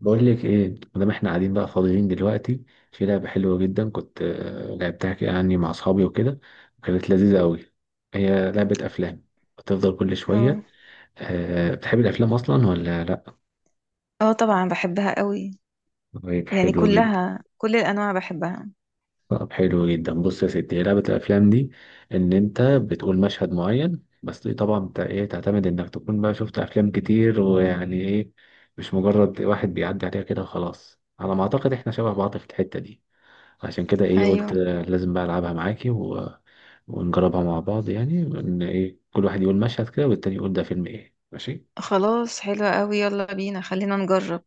بقول لك ايه؟ مادام احنا قاعدين بقى فاضيين دلوقتي، في لعبه حلوه جدا كنت، لعبتها كده يعني مع اصحابي وكده. وكانت لذيذه قوي، هي لعبه افلام بتفضل كل اه شويه. أه، بتحب الافلام اصلا ولا لا؟ اه طبعا بحبها قوي. طيب يعني حلو جدا. كلها كل الانواع بحبها. طب حلو جدا، بص يا ستي، هي لعبه الافلام دي ان انت بتقول مشهد معين، بس دي طبعا ايه، تعتمد انك تكون بقى شفت افلام كتير، ويعني ايه، مش مجرد واحد بيعدي عليها كده وخلاص. على ما اعتقد احنا شبه بعض في الحته دي، عشان كده ايه، ايوه قلت لازم بقى العبها معاكي ونجربها مع بعض. يعني ان ايه، كل واحد يقول مشهد كده والتاني يقول ده فيلم ايه. ماشي، خلاص حلوة قوي، يلا بينا خلينا نجرب.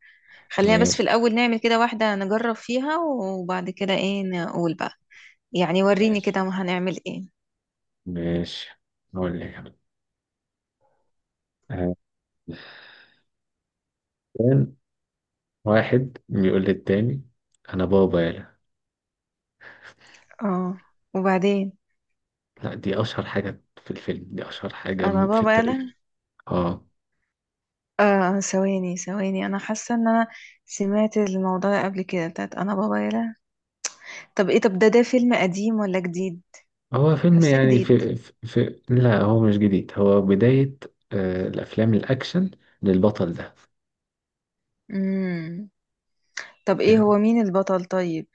خلينا بس في ماشي، الاول نعمل كده واحدة نجرب فيها وبعد كده ايه نقول بقى. يعني وريني ماشي. كده هنعمل ايه. ماشي، اقول لك، آه، كان واحد بيقول للتاني: انا بابا يالا. اه وبعدين. لا، دي اشهر حاجة في الفيلم، دي اشهر حاجة انا في بابا التاريخ. يلا. اه، اه ثواني ثواني، انا حاسة ان انا سمعت الموضوع ده قبل كده بتاعت انا بابا يلا. طب ايه، طب ده فيلم قديم ولا جديد؟ هو فيلم حاسة يعني جديد. في لا هو مش جديد، هو بداية الافلام الاكشن للبطل ده. امم، طب ايه هو يعني مين البطل طيب؟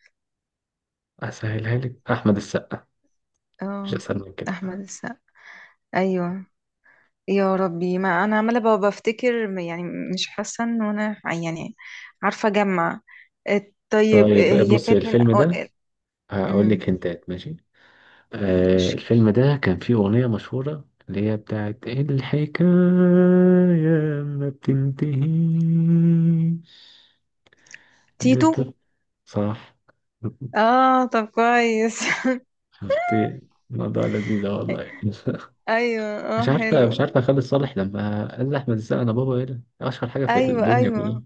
اسهلها لك احمد السقا، مش اه، اسهل من كده احمد بقى. السقا. ايوه. يا ربي، ما انا عماله بفتكر يعني مش حاسه ان انا يعني عارفه اجمع. طيب، طيب هي بص كانت من الفيلم ده أوائل. هقول أمم، لك هنتات، ماشي؟ مش الفيلم ده كان فيه اغنيه مشهوره اللي هي بتاعت الحكايه ما بتنتهيش. تيتو؟ لت- صح. اه طب كويس. شفتي الموضوع لذيذة والله. ايوه مش اه عارفة مش حلو. عارفة خالد صالح لما قال لأحمد السقا: أنا بابا إيه ده؟ أشهر حاجة في ايوه الدنيا كلها. ايوه،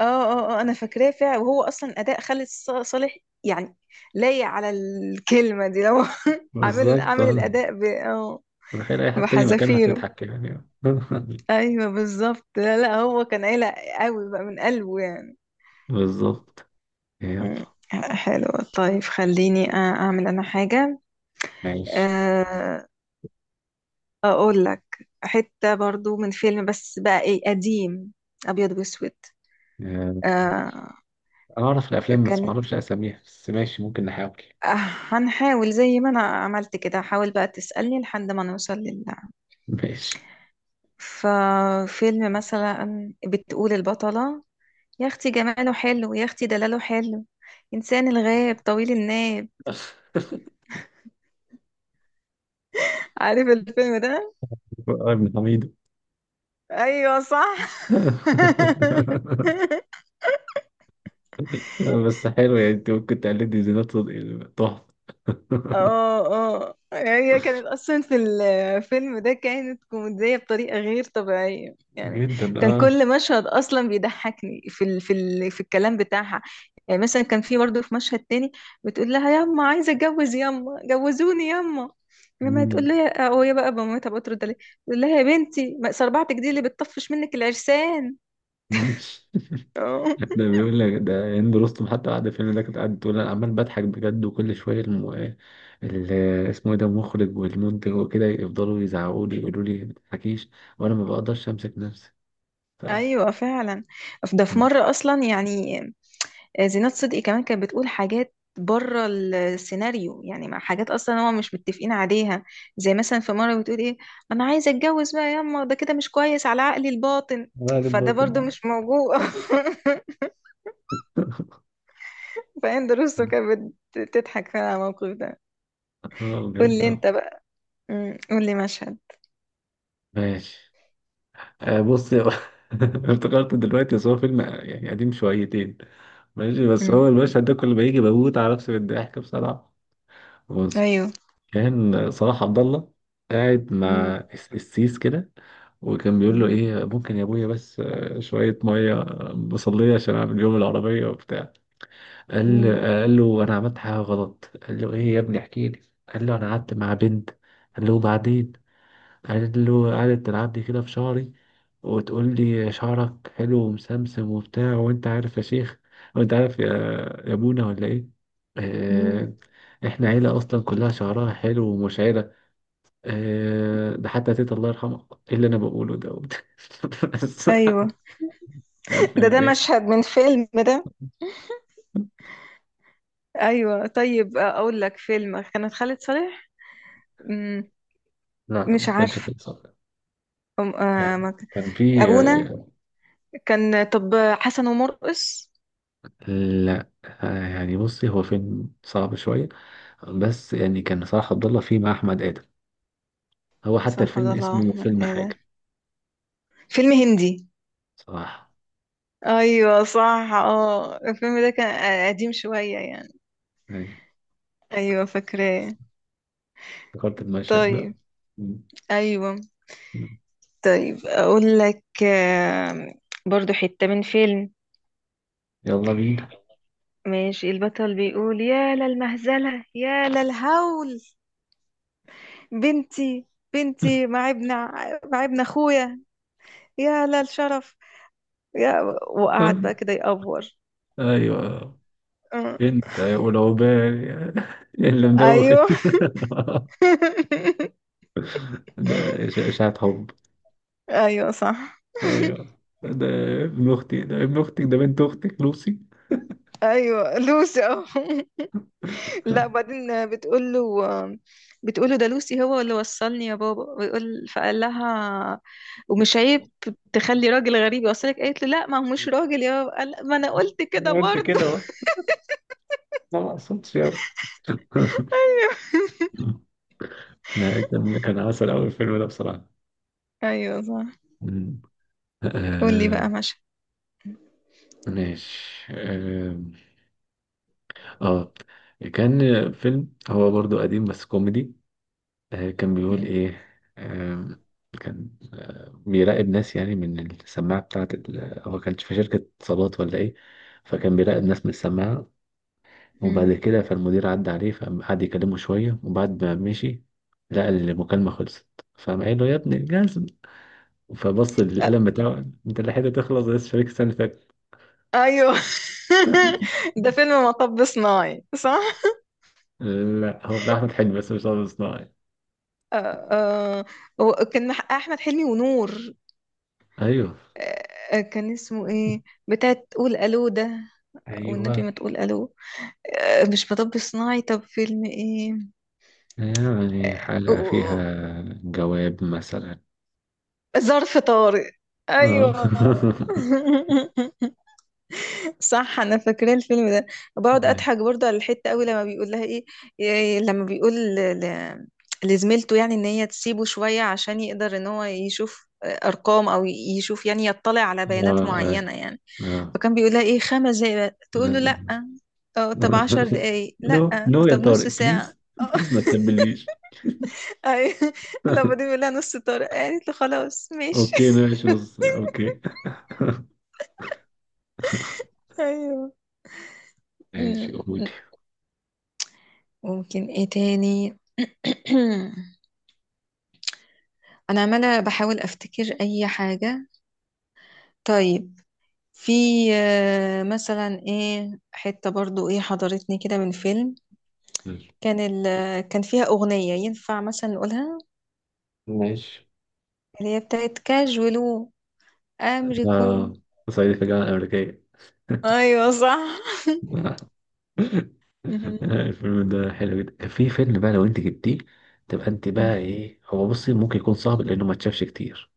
اه انا فاكراه فعلا. وهو اصلا اداء خالد صالح يعني لايق على الكلمه دي، لو عامل بالظبط عامل اه. الاداء اه تخيل أي حد تاني مكانه بحذافيره. هتضحك كده يعني. ايوه بالظبط، لا هو كان قلق قوي بقى من قلبه يعني. بالظبط. يلا. مم. حلو. طيب خليني اعمل انا حاجه. ماشي، آه، اقول لك حته برضو من فيلم بس بقى ايه، قديم ابيض واسود. آه، آه، أنا أعرف الأفلام بس ما كانت. أعرفش أساميها، بس ماشي ممكن نحاول. آه، هنحاول زي ما انا عملت كده، حاول بقى تسالني لحد ما نوصل لله. ماشي. ففيلم مثلا بتقول البطله: يا اختي جماله حلو، يا اختي دلاله حلو، انسان الغاب طويل الناب. عارف الفيلم ده؟ ابن حميدو. ايوه صح. لا، بس حلو، يعني أنت ممكن تقلدني زينات صدقي تحفة. اه اه، هي كانت اصلا في الفيلم ده كانت كوميديه بطريقه غير طبيعيه يعني. جدا كان أه. كل مشهد اصلا بيضحكني في ال في ال في الكلام بتاعها. يعني مثلا كان في برضه في مشهد تاني بتقول لها: ياما عايزه اتجوز، ياما جوزوني ياما. لما تقول مم. لها وهي بقى بمامتها بترد عليها، تقول لها: يا بنتي ما صربعتك دي اللي بتطفش منك العرسان. ده بيقول لك ده هند رستم، حتى بعد الفيلم ده كنت قاعد تقول أنا عمال بضحك بجد، وكل شوية ال... اسمه إيه ده، المخرج والمنتج وكده، يفضلوا يزعقوا لي يقولوا لي ما تضحكيش، وأنا ما بقدرش أمسك نفسي. ايوه فعلا. ده ف... في مره اصلا يعني، زينات صدقي كمان كانت بتقول حاجات بره السيناريو، يعني مع حاجات اصلا هما مش متفقين عليها. زي مثلا في مره بتقول ايه: انا عايزه اتجوز بقى ياما، ده كده مش كويس على عقلي الباطن. غالب فده برضو باطن. مش موجود. فهند رستم كانت بتضحك فعلا على الموقف ده. اه قول بجد لي اه. انت بقى. قول لي مشهد. ماشي، بص افتكرت دلوقتي، بس هو فيلم يعني قديم شويتين، ماشي بس أمم، هو المشهد ده كل ما يجي بموت على نفسي بالضحك بصراحة. بص، ايوه. كان صلاح عبد الله قاعد مع مم. السيس كده، وكان بيقول له مم. ايه: ممكن يا ابويا بس شوية مية بصلية عشان اعمل يوم العربية وبتاع. قال مم. قال له انا عملت حاجة غلط، قال له ايه يا ابني احكي لي. قال له انا قعدت مع بنت. قال له وبعدين؟ قعدت تلعب لي كده في شعري، وتقول لي شعرك حلو ومسمسم وبتاع، وانت عارف يا شيخ، وانت عارف يا، يا ابونا ولا ايه. مم. آه، احنا عيلة اصلا كلها شعرها حلو ومشعرة. ده حتى تيتا الله يرحمها، ايه اللي انا بقوله ده؟ بس ايوه. كان في ده ده الجاي. مشهد من فيلم ده؟ ايوه. طيب اقول لك فيلم كانت خالد صالح. مم، لا مش ما كانش عارف. فيلم صعب، يعني ما ك- كان في، ابونا كان، طب حسن ومرقص. لا يعني بصي هو فيلم صعب شوية، بس يعني كان صلاح عبد الله فيه مع أحمد آدم. هو حتى صح، عبد الفيلم الله اسمه احمد فيلم ادم، حاجة فيلم هندي. صراحة. ايوه صح. اه الفيلم ده كان قديم شويه يعني. أي، ايوه فاكراه. افتكرت المشهد ده. طيب. مم. ايوه. مم. طيب اقول لك برضو حته من فيلم. يلا بينا. ماشي، البطل بيقول: يا للمهزله، يا للهول، بنتي، بنتي مع ابن مع ابن اخويا، يا لا الشرف، يا. وقعد بقى أي- كده يأفور. أيوة، أه. أنت يا أولى وبال، اللي مدوخ. ايوه. ده إشاعة حب. ايوه صح. أيوة ده، ابن أختي، ده ابن أختك، ده بنت أختك لوسي. ايوه لوسي أهو. لا بعدين بتقول له، بتقول له ده لوسي هو اللي وصلني يا بابا. ويقول فقال لها: ومش عيب تخلي راجل غريب يوصلك؟ قالت له لا، ما هو مش راجل يا بابا. قال: ما انا قلت أنا كده قلت برضه. كده أهو. ما مقصودش يا، لا، كان عسل أوي الفيلم ده بصراحة. ايوه صح. مم. قول لي آه، بقى ماشي. ماشي، اه، كان فيلم هو برضو قديم بس كوميدي. كان بيقول مم. ايه، آم، كان بيراقب ناس يعني من السماعة بتاعت هو كانش في شركة اتصالات ولا ايه، فكان بيراقب ناس من السماعة، وبعد مم. كده فالمدير عدى عليه، فقعد يكلمه شوية وبعد ما مشي لقى المكالمة خلصت. فقام قايل له: يا ابني جاز. فبص للقلم بتاعه: انت الحتة تخلص يا شركة السنة اللي فاتت. ايوه. ده فيلم مطب صناعي صح؟ لا هو بتاع أحمد حلمي، بس مش عارف صناعي. آه آه. وكان احمد حلمي ونور. ايوه، آه، كان اسمه ايه بتاع تقول الو ده، والنبي ايوه. ما تقول الو. آه، مش مطب صناعي، طب فيلم ايه؟ يعني آه، حلقة فيها آه، جواب مثلا. ظرف طارق. اه. ايوه. صح انا فاكره الفيلم ده. بقعد اه، اضحك برضه على الحته قوي لما بيقول لها ايه. إيه لما بيقول لزميلته يعني ان هي تسيبه شويه، عشان يقدر ان هو يشوف ارقام او يشوف يعني يطلع على بيانات اه، معينه يعني. آه. فكان بيقول لها ايه: خمس دقايق بس. تقول له لازم. لا. اه طب عشر دقايق، نو، لا نو يا طب نص طارق، بليز ساعه. اه. بليز ما تسبليش. ايوه. لما دي بيقول لها نص، طارق قالت له خلاص ماشي. اوكي ماشي، نص ساعة اوكي. ايوه. ماشي قولي. ممكن ايه تاني؟ انا عماله بحاول افتكر اي حاجه. طيب، في مثلا ايه حته برضو ايه حضرتني كده من فيلم. كان ال، كان فيها اغنيه ينفع مثلا نقولها، ماشي اللي هي بتاعت كاجولو امريكو. اه، صعيدي في الجامعة الأمريكية. ايوه صح. مهم. الفيلم ده حلو جدا. كان في فيلم بقى لو انت جبتيه تبقى انت بقى ايه. هو بصي ممكن يكون صعب لانه ما اتشافش كتير،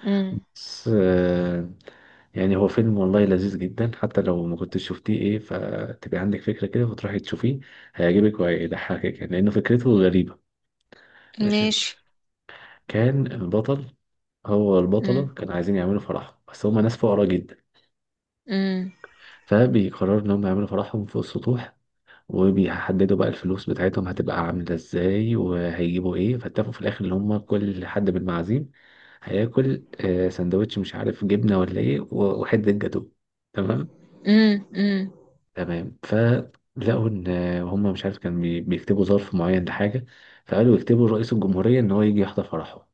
مم. بس يعني هو فيلم والله لذيذ جدا، حتى لو ما كنتش شفتيه ايه، فتبقى عندك فكرة كده وتروحي تشوفيه، هيعجبك وهيضحكك يعني لأنه فكرته غريبة. ماشي بص، ماشي. كان البطل هو مم. البطلة كانوا عايزين يعملوا فرحهم، بس هما ناس فقراء جدا. مم. فبيقرروا إن هم يعملوا فرحهم فوق السطوح، وبيحددوا بقى الفلوس بتاعتهم هتبقى عاملة ازاي وهيجيبوا ايه. فاتفقوا في الآخر إن هما كل حد بالمعازيم هياكل سندوتش مش عارف جبنة ولا ايه وحتة جاتوه، تمام؟ مم. مم. تمام. فلقوا ان هم مش عارف، كان بيكتبوا ظرف معين لحاجه، فقالوا يكتبوا لرئيس الجمهوريه ان هو يجي يحضر فرحه،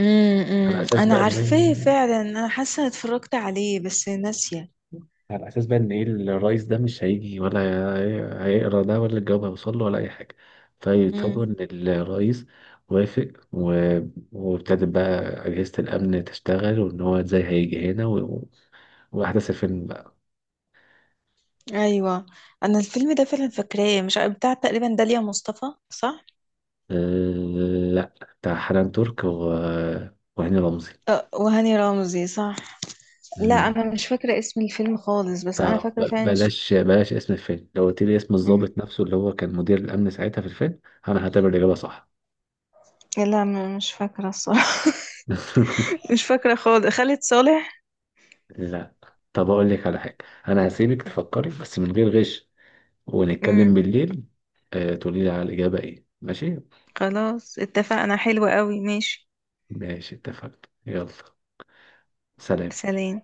مم. على مم. اساس انا بقى ان، عارفاه فعلا، انا حاسه إني اتفرجت عليه بس ناسيه. على اساس بقى ان ايه الرئيس ده مش هيجي، ولا هيقرا ده، ولا الجواب هيوصل له، ولا اي حاجه. فيتفاجئوا ان الرئيس وافق وابتدت بقى اجهزه الامن تشتغل، وان هو ازاي هيجي هنا واحداث الفيلم بقى. ايوه، انا الفيلم ده فعلا فاكراه، مش عارف- بتاع تقريبا داليا مصطفى صح؟ لا، بتاع حنان ترك وهاني رمزي. وهاني رمزي صح. لا مم. انا مش فاكره اسم الفيلم خالص، بس انا فاكره فبلاش فعلا مش... بلاش بلاش اسم الفيلم، لو قلت لي اسم مم. الضابط نفسه اللي هو كان مدير الأمن ساعتها في الفيلم، أنا هعتبر الإجابة صح. لا مش فاكره الصراحه. مش فاكره خالص، خالد صالح. لا، طب أقول لك على حاجة، أنا هسيبك تفكري بس من غير غش، ونتكلم مم. بالليل، تقولي لي على الإجابة إيه، ماشي؟ خلاص اتفقنا، حلوة قوي ماشي. ماشي اتفقنا. يلا، سلام. سلام.